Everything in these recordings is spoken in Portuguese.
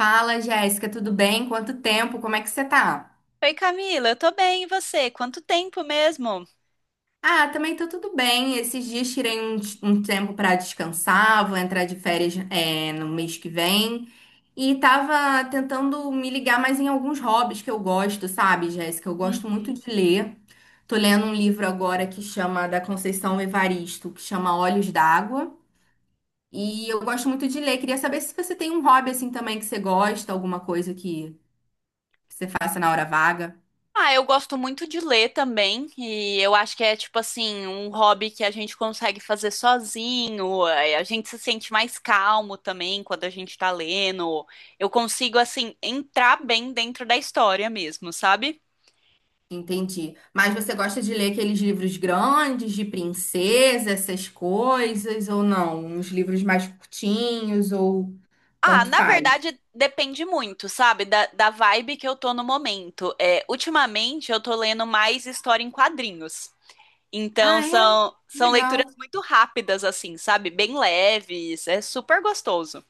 Fala, Jéssica, tudo bem? Quanto tempo? Como é que você tá? Oi, Camila, eu tô bem, e você? Quanto tempo mesmo? Ah, também tô tudo bem. Esses dias tirei um tempo pra descansar, vou entrar de férias, é, no mês que vem. E tava tentando me ligar mais em alguns hobbies que eu gosto, sabe, Jéssica? Eu gosto muito Uhum. de ler. Tô lendo um livro agora que chama da Conceição Evaristo, que chama Olhos d'Água. E eu gosto muito de ler. Queria saber se você tem um hobby assim também que você gosta, alguma coisa que você faça na hora vaga. Ah, eu gosto muito de ler também, e eu acho que é tipo assim, um hobby que a gente consegue fazer sozinho, é, a gente se sente mais calmo também quando a gente tá lendo. Eu consigo assim entrar bem dentro da história mesmo, sabe? Entendi. Mas você gosta de ler aqueles livros grandes, de princesa, essas coisas, ou não? Uns livros mais curtinhos, ou Ah, tanto na faz? verdade depende muito, sabe, da vibe que eu tô no momento. É, ultimamente eu tô lendo mais história em quadrinhos. Ah, Então é? são leituras Legal. muito rápidas, assim, sabe? Bem leves, é super gostoso.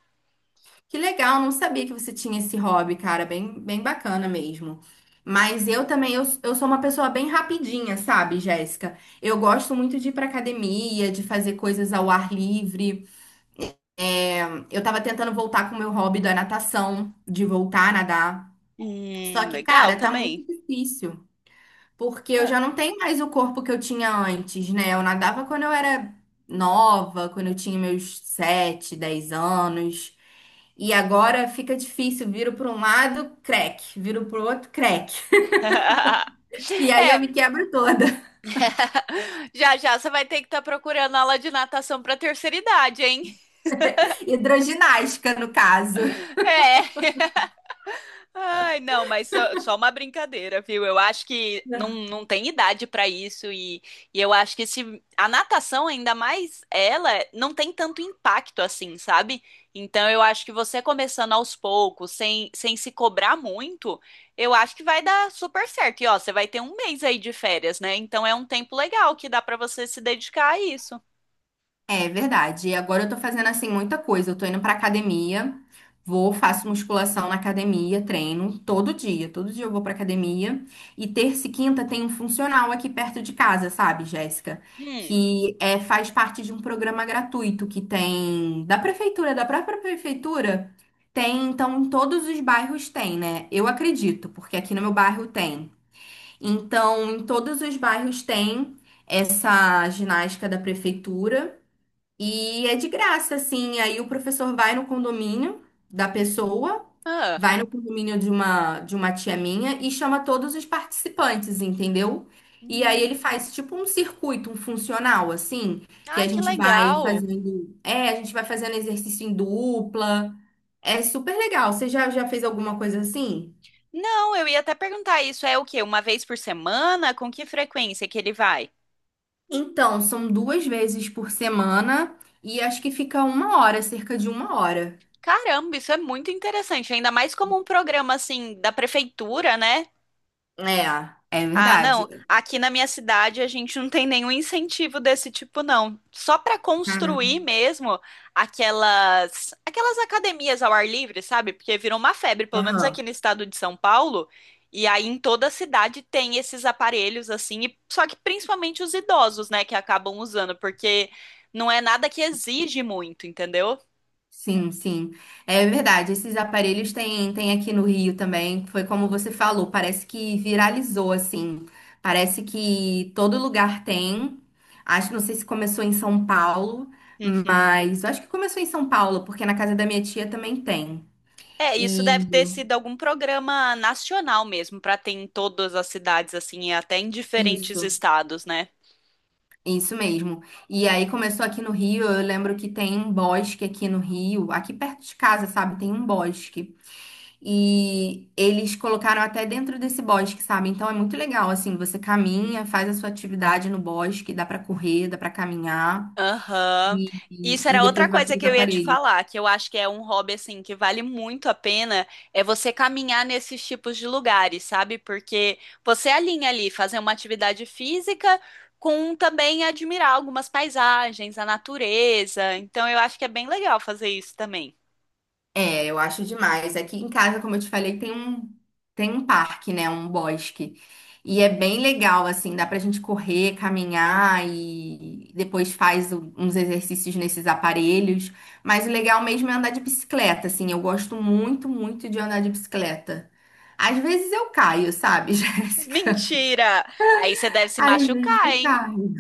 Que legal, não sabia que você tinha esse hobby, cara, bem, bem bacana mesmo. Mas eu também, eu sou uma pessoa bem rapidinha, sabe, Jéssica? Eu gosto muito de ir pra academia, de fazer coisas ao ar livre. Eu tava tentando voltar com o meu hobby da natação, de voltar a nadar. Só que, Legal cara, tá muito também. difícil, porque eu Ah. já não tenho mais o corpo que eu tinha antes, né? Eu nadava quando eu era nova, quando eu tinha meus 7, 10 anos. E agora fica difícil, viro para um lado, crack, viro para o outro, crack. E aí eu É, me quebro toda. já já você vai ter que estar procurando aula de natação para terceira idade, hein? Hidroginástica, no caso. É. Ai, não, mas só uma brincadeira, viu? Eu acho que não tem idade pra isso, e eu acho que se a natação, ainda mais ela, não tem tanto impacto assim, sabe? Então eu acho que você começando aos poucos, sem se cobrar muito, eu acho que vai dar super certo. E ó, você vai ter um mês aí de férias, né? Então é um tempo legal que dá pra você se dedicar a isso. É verdade. E agora eu tô fazendo assim muita coisa. Eu tô indo pra academia, vou, faço musculação na academia, treino todo dia. Todo dia eu vou pra academia. E terça e quinta tem um funcional aqui perto de casa, sabe, Jéssica? Hum. Que é, faz parte de um programa gratuito que tem da prefeitura, da própria prefeitura. Tem, então, em todos os bairros tem, né? Eu acredito, porque aqui no meu bairro tem. Então, em todos os bairros tem essa ginástica da prefeitura. E é de graça, assim. Aí o professor vai no condomínio da pessoa, Ah. vai no condomínio de uma tia minha e chama todos os participantes, entendeu? E aí Hum. ele faz tipo um circuito, um funcional, assim, que Ai, a que gente vai legal. fazendo. É, a gente vai fazendo exercício em dupla. É super legal. Você já fez alguma coisa assim? Não, eu ia até perguntar, isso é o quê? Uma vez por semana? Com que frequência que ele vai? Então, são 2 vezes por semana e acho que fica uma hora, cerca de uma hora. Caramba, isso é muito interessante, ainda mais como um programa assim da prefeitura, né? É, é Ah, não. verdade. Aqui na minha cidade a gente não tem nenhum incentivo desse tipo, não. Só para construir mesmo aquelas academias ao ar livre, sabe? Porque virou uma febre, pelo menos aqui Caramba. no estado de São Paulo. E aí em toda a cidade tem esses aparelhos assim, só que principalmente os idosos, né, que acabam usando, porque não é nada que exige muito, entendeu? Sim, sim. É verdade. Esses aparelhos tem, tem aqui no Rio também. Foi como você falou, parece que viralizou, assim. Parece que todo lugar tem. Acho, não sei se começou em São Paulo, Uhum. mas eu acho que começou em São Paulo, porque na casa da minha tia também tem. É, isso deve ter E sido algum programa nacional mesmo, para ter em todas as cidades, assim, e até em diferentes isso, estados, né? isso mesmo. E aí começou aqui no Rio. Eu lembro que tem um bosque aqui no Rio, aqui perto de casa, sabe? Tem um bosque. E eles colocaram até dentro desse bosque, sabe? Então é muito legal, assim, você caminha, faz a sua atividade no bosque, dá pra correr, dá pra caminhar Aham. e, Isso e era outra depois vai coisa pros que eu ia te aparelhos. falar, que eu acho que é um hobby assim que vale muito a pena, é você caminhar nesses tipos de lugares, sabe? Porque você alinha ali fazer uma atividade física com também admirar algumas paisagens, a natureza. Então eu acho que é bem legal fazer isso também. É, eu acho demais. Aqui em casa, como eu te falei, tem um parque, né? Um bosque. E é bem legal, assim, dá pra gente correr, caminhar e depois faz uns exercícios nesses aparelhos. Mas o legal mesmo é andar de bicicleta, assim. Eu gosto muito, muito de andar de bicicleta. Às vezes eu caio, sabe, Jéssica? Mentira! Aí você deve se Às vezes machucar, eu hein? caio.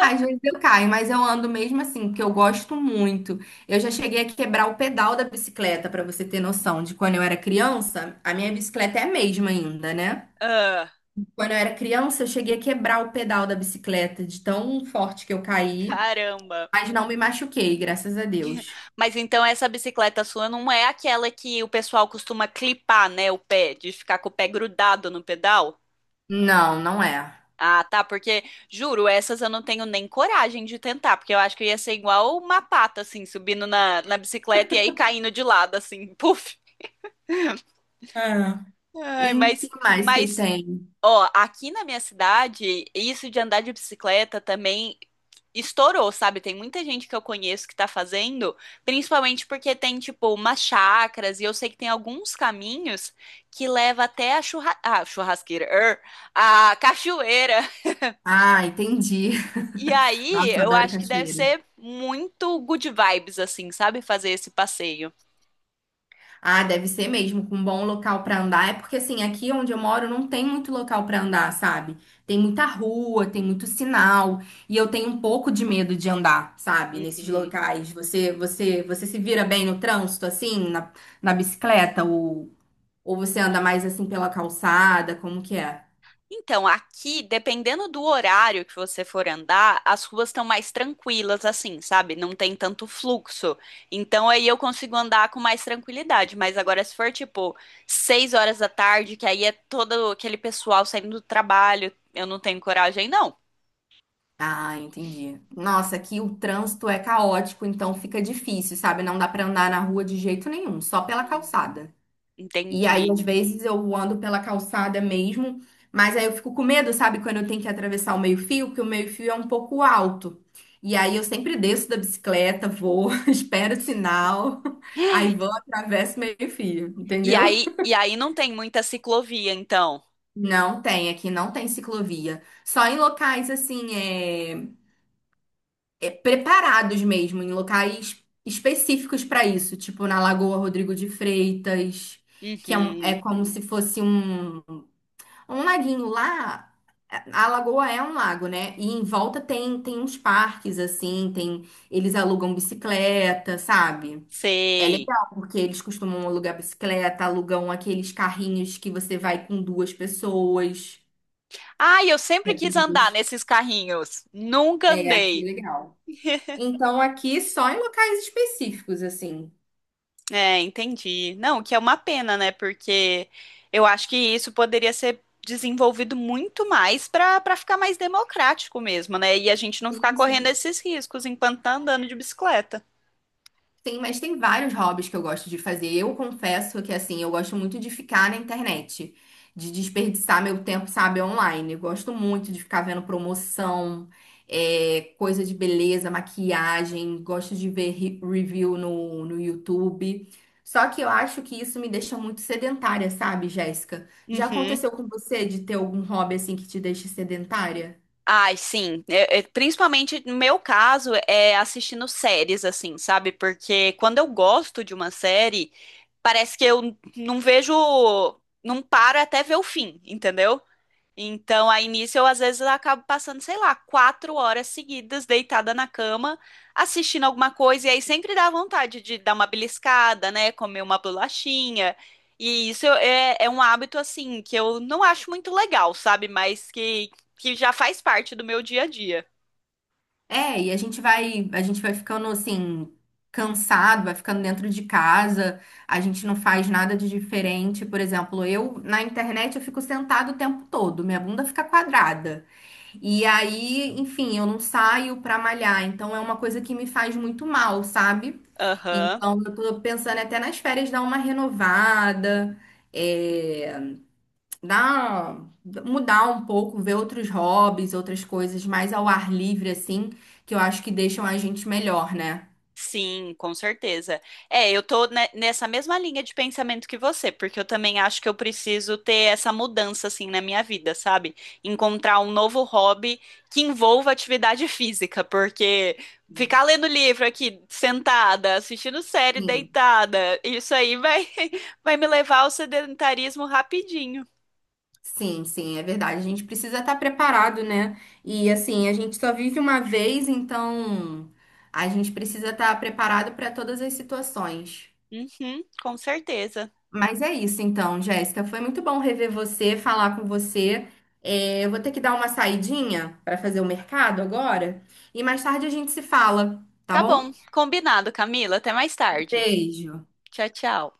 Às vezes eu caio, mas eu ando mesmo assim, porque eu gosto muito. Eu já cheguei a quebrar o pedal da bicicleta, pra você ter noção de quando eu era criança, a minha bicicleta é a mesma ainda, né? Ah, Quando eu era criança, eu cheguei a quebrar o pedal da bicicleta de tão forte que eu caí, caramba. mas não me machuquei, graças a Deus. Mas então essa bicicleta sua não é aquela que o pessoal costuma clipar, né, o pé, de ficar com o pé grudado no pedal? Não, não é. Ah, tá, porque juro, essas eu não tenho nem coragem de tentar, porque eu acho que ia ser igual uma pata, assim, subindo na bicicleta e aí caindo de lado, assim, puf. Ah. E Ai, o que mas, mais que mas, tem? ó, aqui na minha cidade, isso de andar de bicicleta também estourou, sabe? Tem muita gente que eu conheço que tá fazendo, principalmente porque tem, tipo, umas chacras, e eu sei que tem alguns caminhos que leva até a churra... ah, churrasqueira, er, a cachoeira. Ah, entendi. E aí, Nossa, eu eu adoro acho que deve cachoeira. ser muito good vibes, assim, sabe? Fazer esse passeio. Ah, deve ser mesmo, com um bom local pra andar. É porque assim, aqui onde eu moro não tem muito local pra andar, sabe? Tem muita rua, tem muito sinal, e eu tenho um pouco de medo de andar, sabe? Nesses Uhum. locais. Você, você, você se vira bem no trânsito assim, na, na bicicleta ou você anda mais assim pela calçada, como que é? Então, aqui, dependendo do horário que você for andar, as ruas estão mais tranquilas, assim, sabe? Não tem tanto fluxo. Então, aí eu consigo andar com mais tranquilidade. Mas agora, se for tipo 6 horas da tarde, que aí é todo aquele pessoal saindo do trabalho, eu não tenho coragem, não. Ah, entendi. Nossa, aqui o trânsito é caótico, então fica difícil, sabe? Não dá pra andar na rua de jeito nenhum, só pela Hum. calçada. E aí, às Entendi. vezes, eu ando pela calçada mesmo, mas aí eu fico com medo, sabe, quando eu tenho que atravessar o meio-fio, porque o meio-fio é um pouco alto. E aí eu sempre desço da bicicleta, vou, espero o sinal, aí vou, atravesso o meio-fio, E entendeu? aí, e aí não tem muita ciclovia, então. Não tem, aqui não tem ciclovia. Só em locais assim, é, é, preparados mesmo, em locais específicos para isso, tipo na Lagoa Rodrigo de Freitas, que é, Uhum, é como se fosse um um laguinho lá, a lagoa é um lago, né? E em volta tem, tem uns parques, assim, tem, eles alugam bicicleta, sabe? É sei. legal, porque eles costumam alugar bicicleta, alugam aqueles carrinhos que você vai com duas pessoas. Ai, eu sempre Vai com quis andar duas. nesses carrinhos. Nunca É, aqui é andei. legal. Então, aqui só em locais específicos, assim. É, entendi. Não, o que é uma pena, né? Porque eu acho que isso poderia ser desenvolvido muito mais para ficar mais democrático mesmo, né? E a gente não ficar Sim, correndo sim. esses riscos enquanto tá andando de bicicleta. Tem, mas tem vários hobbies que eu gosto de fazer. Eu confesso que, assim, eu gosto muito de ficar na internet, de desperdiçar meu tempo, sabe, online. Eu gosto muito de ficar vendo promoção, é, coisa de beleza, maquiagem. Gosto de ver review no, no YouTube. Só que eu acho que isso me deixa muito sedentária, sabe, Jéssica? Já Uhum. aconteceu com você de ter algum hobby, assim, que te deixa sedentária? Ai, sim. Principalmente no meu caso, é assistindo séries, assim, sabe? Porque quando eu gosto de uma série, parece que eu não vejo. Não paro até ver o fim, entendeu? Então, aí nisso eu às vezes acabo passando, sei lá, 4 horas seguidas deitada na cama, assistindo alguma coisa, e aí sempre dá vontade de dar uma beliscada, né? Comer uma bolachinha. E isso é um hábito, assim, que eu não acho muito legal, sabe? Mas que já faz parte do meu dia a dia. É, e a gente vai ficando assim, cansado, vai ficando dentro de casa, a gente não faz nada de diferente. Por exemplo, eu na internet eu fico sentado o tempo todo, minha bunda fica quadrada. E aí, enfim, eu não saio pra malhar, então é uma coisa que me faz muito mal, sabe? Aham. Então eu tô pensando até nas férias dar uma renovada. eh, dar, Mudar um pouco, ver outros hobbies, outras coisas mais ao ar livre, assim, que eu acho que deixam a gente melhor, né? Sim, com certeza. É, eu tô nessa mesma linha de pensamento que você, porque eu também acho que eu preciso ter essa mudança assim na minha vida, sabe? Encontrar um novo hobby que envolva atividade física, porque ficar lendo livro aqui sentada, assistindo série Sim, deitada, isso aí vai vai me levar ao sedentarismo rapidinho. sim, sim, é verdade. A gente precisa estar preparado, né? E assim, a gente só vive uma vez, então a gente precisa estar preparado para todas as situações. Uhum, com certeza. Mas é isso então, Jéssica. Foi muito bom rever você, falar com você. É, eu vou ter que dar uma saidinha para fazer o mercado agora e mais tarde a gente se fala, tá Tá bom? bom, combinado, Camila. Até mais tarde. Beijo. Tchau, tchau.